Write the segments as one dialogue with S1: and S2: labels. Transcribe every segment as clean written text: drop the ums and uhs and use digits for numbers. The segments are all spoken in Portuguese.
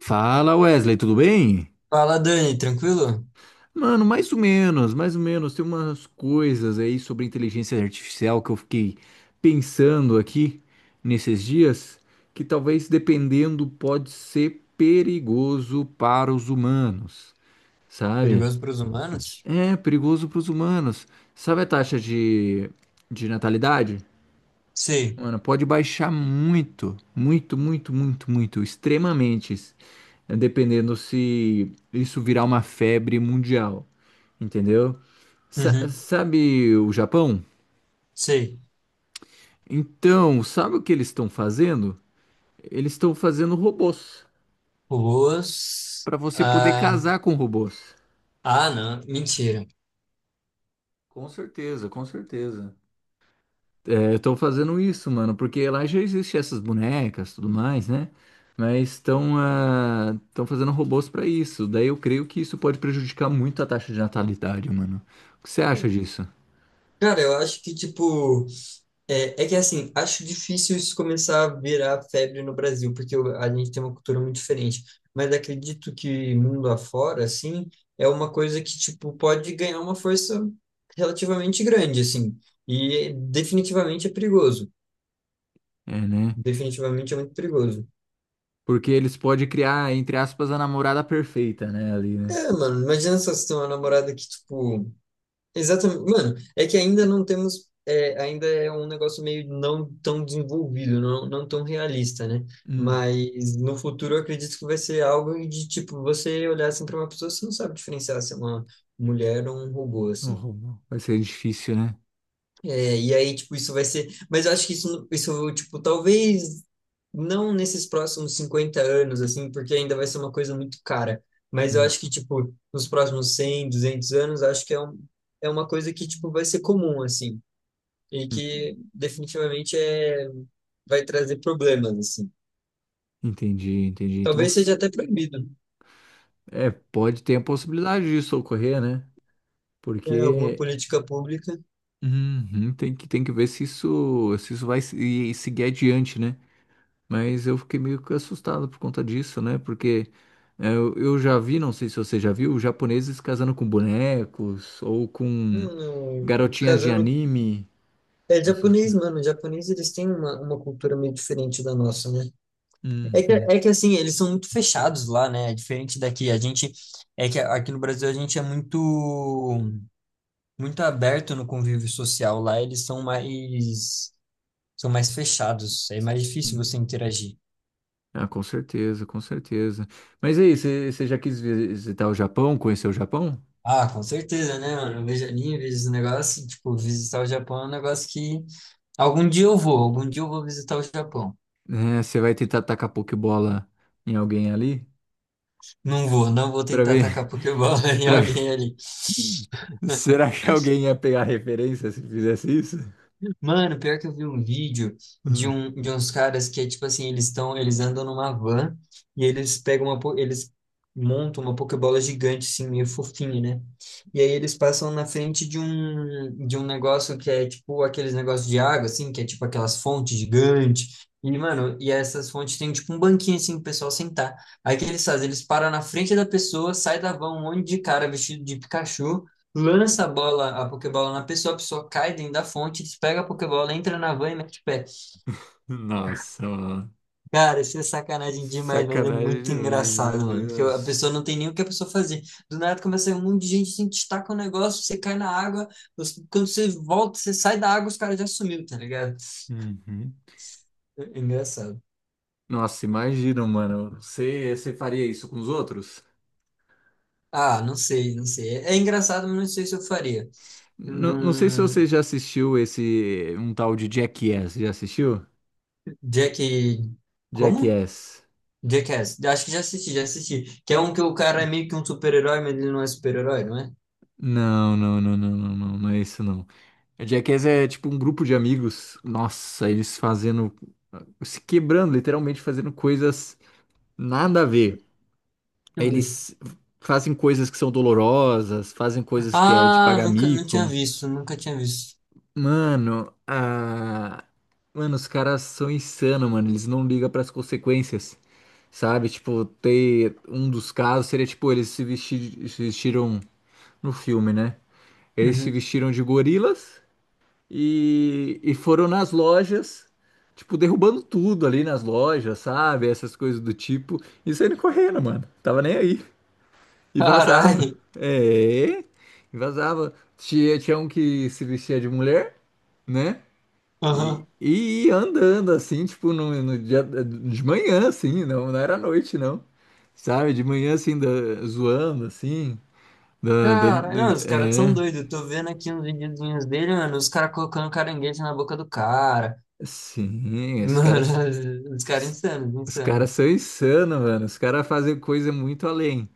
S1: Fala, Wesley, tudo bem?
S2: Fala, Dani, tranquilo?
S1: Mano, mais ou menos, mais ou menos. Tem umas coisas aí sobre inteligência artificial que eu fiquei pensando aqui nesses dias, que talvez dependendo pode ser perigoso para os humanos, sabe?
S2: Perigoso para os humanos?
S1: É, perigoso para os humanos. Sabe a taxa de natalidade?
S2: Sei.
S1: Mano, pode baixar muito, muito, muito, muito, muito, extremamente, né, dependendo se isso virar uma febre mundial, entendeu? Sa-
S2: Uhum.
S1: sabe o Japão?
S2: Sei.
S1: Então, sabe o que eles estão fazendo? Eles estão fazendo robôs
S2: Robôs.
S1: para você poder
S2: Ah,
S1: casar com robôs.
S2: ah, não. Mentira.
S1: Com certeza, com certeza. É, estão fazendo isso, mano, porque lá já existe essas bonecas, tudo mais, né? Mas estão estão fazendo robôs para isso. Daí eu creio que isso pode prejudicar muito a taxa de natalidade, mano. O que você acha disso?
S2: Cara, eu acho que, tipo, é que assim, acho difícil isso começar a virar febre no Brasil, porque a gente tem uma cultura muito diferente. Mas acredito que mundo afora, assim, é uma coisa que, tipo, pode ganhar uma força relativamente grande, assim. E definitivamente é perigoso.
S1: É, né?
S2: Definitivamente é muito perigoso.
S1: Porque eles podem criar, entre aspas, a namorada perfeita, né? Ali, né?
S2: É, mano, imagina só se tem uma namorada que, tipo. Exatamente. Mano, é que ainda não temos. É, ainda é um negócio meio não tão desenvolvido, não, não tão realista, né?
S1: Hum,
S2: Mas no futuro eu acredito que vai ser algo de, tipo, você olhar assim pra uma pessoa, você não sabe diferenciar se é uma mulher ou um robô,
S1: o
S2: assim.
S1: Romão. Vai ser difícil, né?
S2: É, e aí, tipo, isso vai ser. Mas eu acho que isso, tipo, talvez não nesses próximos 50 anos, assim, porque ainda vai ser uma coisa muito cara. Mas eu
S1: Hum.
S2: acho que, tipo, nos próximos 100 200 anos, acho que é uma coisa que, tipo, vai ser comum, assim. E
S1: Hum,
S2: que definitivamente é, vai trazer problemas, assim.
S1: entendi, entendi. Então,
S2: Talvez
S1: s-
S2: seja até proibido, né?
S1: é, pode ter a possibilidade disso ocorrer, né?
S2: É, alguma
S1: Porque
S2: política pública.
S1: uhum, tem que ver se isso, se isso vai se- e seguir adiante, né? Mas eu fiquei meio que assustado por conta disso, né? Porque é, eu já vi, não sei se você já viu, japoneses casando com bonecos ou com
S2: Hum,
S1: garotinhas de
S2: casando.
S1: anime,
S2: É
S1: essas
S2: japonês, mano. Japonês, eles têm uma cultura meio diferente da nossa, né? É que,
S1: coisas.
S2: é que assim, eles são muito fechados lá, né? É diferente daqui. A gente é que aqui no Brasil a gente é muito muito aberto no convívio social. Lá eles são mais fechados. É mais difícil você
S1: Hum.
S2: interagir.
S1: Ah, com certeza, com certeza. Mas aí, você já quis visitar o Japão, conhecer o Japão?
S2: Ah, com certeza, né, mano? Eu vejo anime, vejo esse negócio, assim, tipo, visitar o Japão é um negócio que algum dia eu vou, algum dia eu vou visitar o Japão.
S1: É, você vai tentar tacar pokebola em alguém ali?
S2: Não vou, não vou
S1: Pra
S2: tentar
S1: ver,
S2: atacar Pokébola em
S1: pra ver.
S2: alguém ali.
S1: Será que alguém ia pegar referência se fizesse isso?
S2: Mano, pior que eu vi um vídeo de,
S1: Hum.
S2: um, de uns caras que é tipo assim, eles estão, eles andam numa van e eles pegam uma, eles montam uma pokebola gigante assim, meio fofinha, né? E aí eles passam na frente de um negócio que é tipo aqueles negócios de água assim, que é tipo aquelas fontes gigantes. E, mano, e essas fontes tem tipo um banquinho assim pro pessoal sentar. Aí o que eles fazem? Eles param na frente da pessoa, sai da van um monte de cara vestido de Pikachu lança a bola, a Pokébola na pessoa, a pessoa cai dentro da fonte, pega a Pokébola, entra na van e mete o pé.
S1: Nossa, mano.
S2: Cara, isso é sacanagem demais, mas é
S1: Sacanagem
S2: muito
S1: demais, meu
S2: engraçado, mano. Porque a
S1: Deus.
S2: pessoa não tem nem o que a pessoa fazer. Do nada começa a sair um monte de gente, assim, te taca o um negócio, você cai na água, você- quando você volta, você sai da água, os caras já sumiu, tá ligado?
S1: Uhum.
S2: É engraçado.
S1: Nossa, imagina, mano. Você faria isso com os outros?
S2: Ah, não sei, não sei. É engraçado, mas não sei se eu faria.
S1: Não, não sei se você
S2: Num...
S1: já assistiu esse um tal de Jackass. Já assistiu?
S2: Jack. Como?
S1: Jackass.
S2: Jackass, acho que já assisti, já assisti. Que é um que o cara é meio que um super-herói, mas ele não é super-herói, não é? Deixa
S1: Não, não, não, não, não, não, não é isso não. A Jackass é tipo um grupo de amigos, nossa, eles fazendo, se quebrando, literalmente fazendo coisas nada a ver.
S2: eu ver.
S1: Eles fazem coisas que são dolorosas, fazem coisas que é de
S2: Ah,
S1: pagar
S2: nunca, não
S1: mico.
S2: tinha visto, nunca tinha visto.
S1: Mano, a... mano, os caras são insanos, mano, eles não ligam para as consequências, sabe? Tipo, ter um dos casos seria tipo, eles se vestiram no filme, né? Eles se
S2: Uhum.
S1: vestiram de gorilas e foram nas lojas, tipo, derrubando tudo ali nas lojas, sabe? Essas coisas do tipo. E saindo correndo, mano. Tava nem aí. E vazava.
S2: Carai.
S1: É, e vazava. Tinha um que se vestia de mulher, né? E,
S2: Aham.
S1: e ia andando, assim, tipo, no dia, de manhã, assim, não, não era noite, não. Sabe? De manhã, assim, zoando, assim. da- da-
S2: Caralho, não, os caras são
S1: é,
S2: doidos. Eu tô vendo aqui uns videozinhos dele, mano, os caras colocando caranguejo na boca do cara.
S1: sim, os
S2: Mano,
S1: caras.
S2: os caras insanos,
S1: Os
S2: insanos.
S1: caras são insanos, mano. Os caras fazem coisa muito além.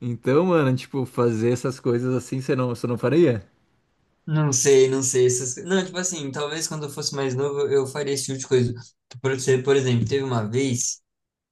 S1: Então, mano, tipo, fazer essas coisas assim, você não faria?
S2: Não sei, não sei. Essas... co- Não, tipo assim, talvez quando eu fosse mais novo eu faria esse tipo de coisa. Por, ser- por exemplo, teve uma vez.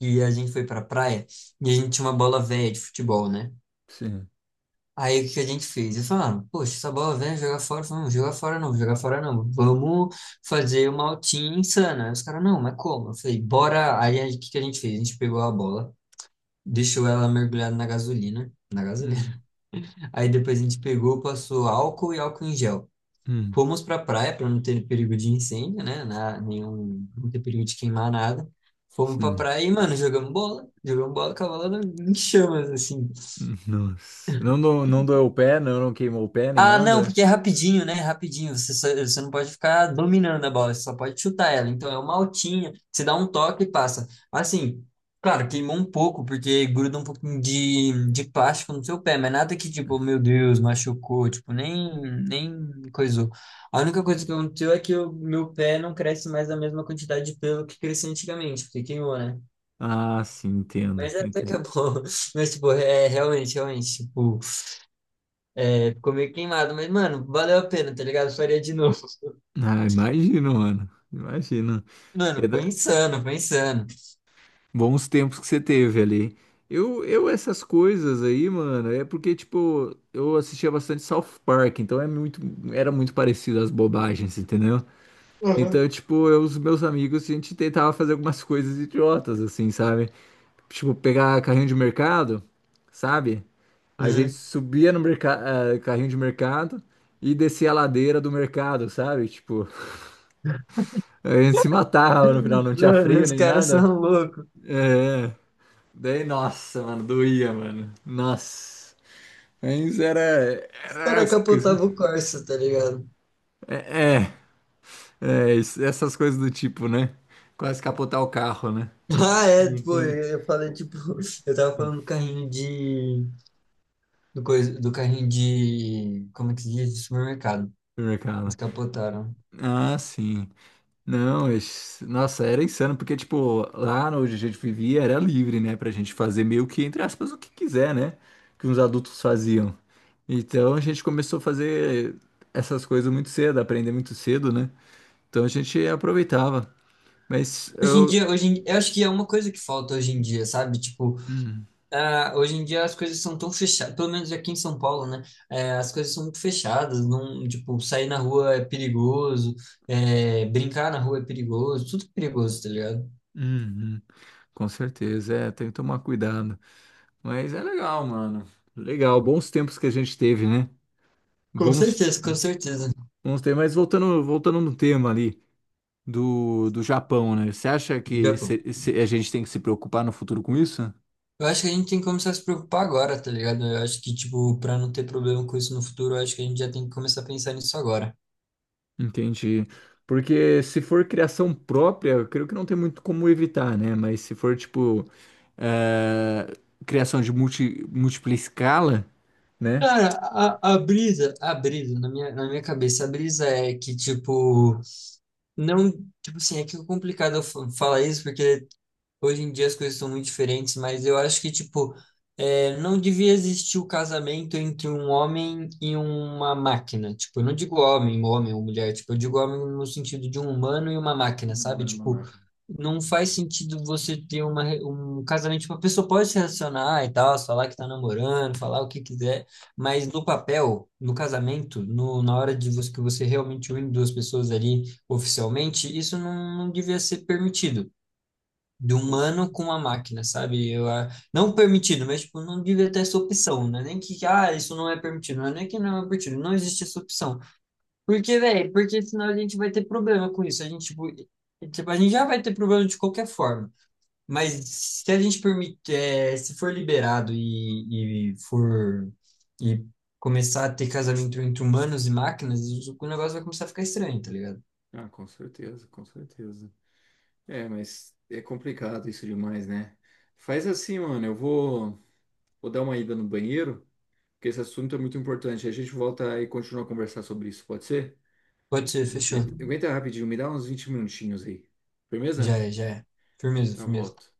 S2: E a gente foi pra praia e a gente tinha uma bola velha de futebol, né?
S1: Sim.
S2: Aí o que a gente fez? Eles falaram, poxa, essa bola velha, é jogar fora. Eu falei, não, jogar fora não, jogar fora não. Vamos fazer uma altinha insana. Aí Os caras, não, mas como? Eu falei, bora. Aí, o que que a gente fez? A gente pegou a bola, deixou ela mergulhada na gasolina. Na
S1: Hum,
S2: gasolina. Aí depois a gente pegou, passou álcool e álcool em gel.
S1: hum,
S2: Fomos para a praia para não ter perigo de incêndio, né? Na, nenhum, não ter perigo de queimar nada. Fomos para a
S1: sim.
S2: praia e, mano, jogamos bola. Jogamos bola com a bola em chamas, assim.
S1: Nossa. Não, não doeu o pé, não, não queimou o pé nem
S2: Ah, não,
S1: nada?
S2: porque é rapidinho, né? Rapidinho. Você, só- você não pode ficar dominando a bola, você só pode chutar ela. Então é uma altinha, você dá um toque e passa. Assim, claro, queimou um pouco, porque gruda um pouquinho de plástico no seu pé, mas nada que, tipo, meu Deus, machucou, tipo, nem, coisou. A única coisa que aconteceu é que o meu pé não cresce mais a mesma quantidade de pelo que crescia antigamente, porque queimou, né?
S1: Ah, sim, entendo,
S2: Mas até que
S1: entendo.
S2: é bom. Mas, tipo, é realmente, realmente, tipo. É, ficou meio queimado, mas, mano, valeu a pena, tá ligado? Eu faria de novo.
S1: Ah, imagino, mano. Imagino. É
S2: Mano, foi
S1: da-
S2: insano, foi insano.
S1: Bons tempos que você teve ali. Essas coisas aí, mano, é porque, tipo, eu assistia bastante South Park, então é muito, era muito parecido às bobagens, entendeu? Então,
S2: Uhum.
S1: tipo, eu e os meus amigos, a gente tentava fazer algumas coisas idiotas, assim, sabe? Tipo, pegar carrinho de mercado, sabe? A gente
S2: Uhum.
S1: subia no carrinho de mercado e descia a ladeira do mercado, sabe? Tipo, a gente se matava no final, não tinha
S2: Mano,
S1: freio
S2: os
S1: nem
S2: caras são
S1: nada.
S2: loucos.
S1: É, daí, nossa, mano, doía, mano. Nossa. Mas
S2: Os
S1: era
S2: caras
S1: as coisas.
S2: capotavam o Corsa, tá ligado?
S1: É, é, essas coisas do tipo, né? Quase capotar o carro, né?
S2: Ah, é,
S1: Não
S2: pô,
S1: tem
S2: eu falei, tipo, eu tava falando do carrinho de. Do, coisa, do carrinho de. Como é que se diz? De supermercado. Eles
S1: mercado.
S2: capotaram.
S1: Ah, sim. Não, nossa, era insano, porque, tipo, lá onde a gente vivia era livre, né, pra gente fazer meio que, entre aspas, o que quiser, né, que os adultos faziam. Então a gente começou a fazer essas coisas muito cedo, aprender muito cedo, né? Então a gente aproveitava. Mas
S2: Hoje em
S1: eu.
S2: dia, eu acho que é uma coisa que falta hoje em dia, sabe? Tipo,
S1: Hum,
S2: ah, hoje em dia as coisas são tão fechadas, pelo menos aqui em São Paulo, né? É, as coisas são muito fechadas, não, tipo, sair na rua é perigoso, é, brincar na rua é perigoso, tudo é perigoso, tá ligado?
S1: hum, hum. Com certeza, é, tem que tomar cuidado. Mas é legal, mano. Legal, bons tempos que a gente teve, né?
S2: Com
S1: Bons,
S2: certeza, com certeza.
S1: bons tempos. Mas voltando, voltando no tema ali do Japão, né? Você acha que
S2: Japão.
S1: se a gente tem que se preocupar no futuro com isso?
S2: Eu acho que a gente tem que começar a se preocupar agora, tá ligado? Eu acho que, tipo, pra não ter problema com isso no futuro, eu acho que a gente já tem que começar a pensar nisso agora.
S1: Entendi. Porque se for criação própria, eu creio que não tem muito como evitar, né? Mas se for, tipo, eh, criação de múltipla escala, né?
S2: Cara, a brisa, na minha cabeça, a brisa é que, tipo, não, tipo assim, é que é complicado eu falar isso, porque hoje em dia as coisas são muito diferentes, mas eu acho que, tipo, é, não devia existir o casamento entre um homem e uma máquina. Tipo, eu não digo homem, homem ou mulher, tipo, eu digo homem no sentido de um humano e uma máquina,
S1: Não
S2: sabe?
S1: era uma
S2: Tipo,
S1: máquina.
S2: não faz sentido você ter um casamento, tipo, a pessoa pode se relacionar e tal, falar que tá namorando, falar o que quiser, mas no papel, no casamento, no, na hora de você, que você realmente une duas pessoas ali oficialmente, isso não, não devia ser permitido. De
S1: Com, cer-
S2: humano com a máquina, sabe? Eu, ah, não permitido, mas tipo, não devia ter essa opção, né? Nem que, ah, isso não é permitido, não é nem que não é permitido, não existe essa opção. Porque, velho, porque senão a gente vai ter problema com isso. A gente, tipo, e, tipo, a gente já vai ter problema de qualquer forma. Mas se a gente permite, eh, se for liberado e for e começar a ter casamento entre humanos e máquinas, o negócio vai começar a ficar estranho, tá ligado?
S1: ah, com certeza, com certeza. É, mas é complicado isso demais, né? Faz assim, mano, vou dar uma ida no banheiro porque esse assunto é muito importante. A gente volta e continua a conversar sobre isso, pode ser?
S2: Pode ser, fechou.
S1: Aguenta rapidinho, me dá uns 20 minutinhos aí.
S2: Já
S1: Firmeza?
S2: é, já é. Firmeza,
S1: Eu
S2: firmeza.
S1: volto.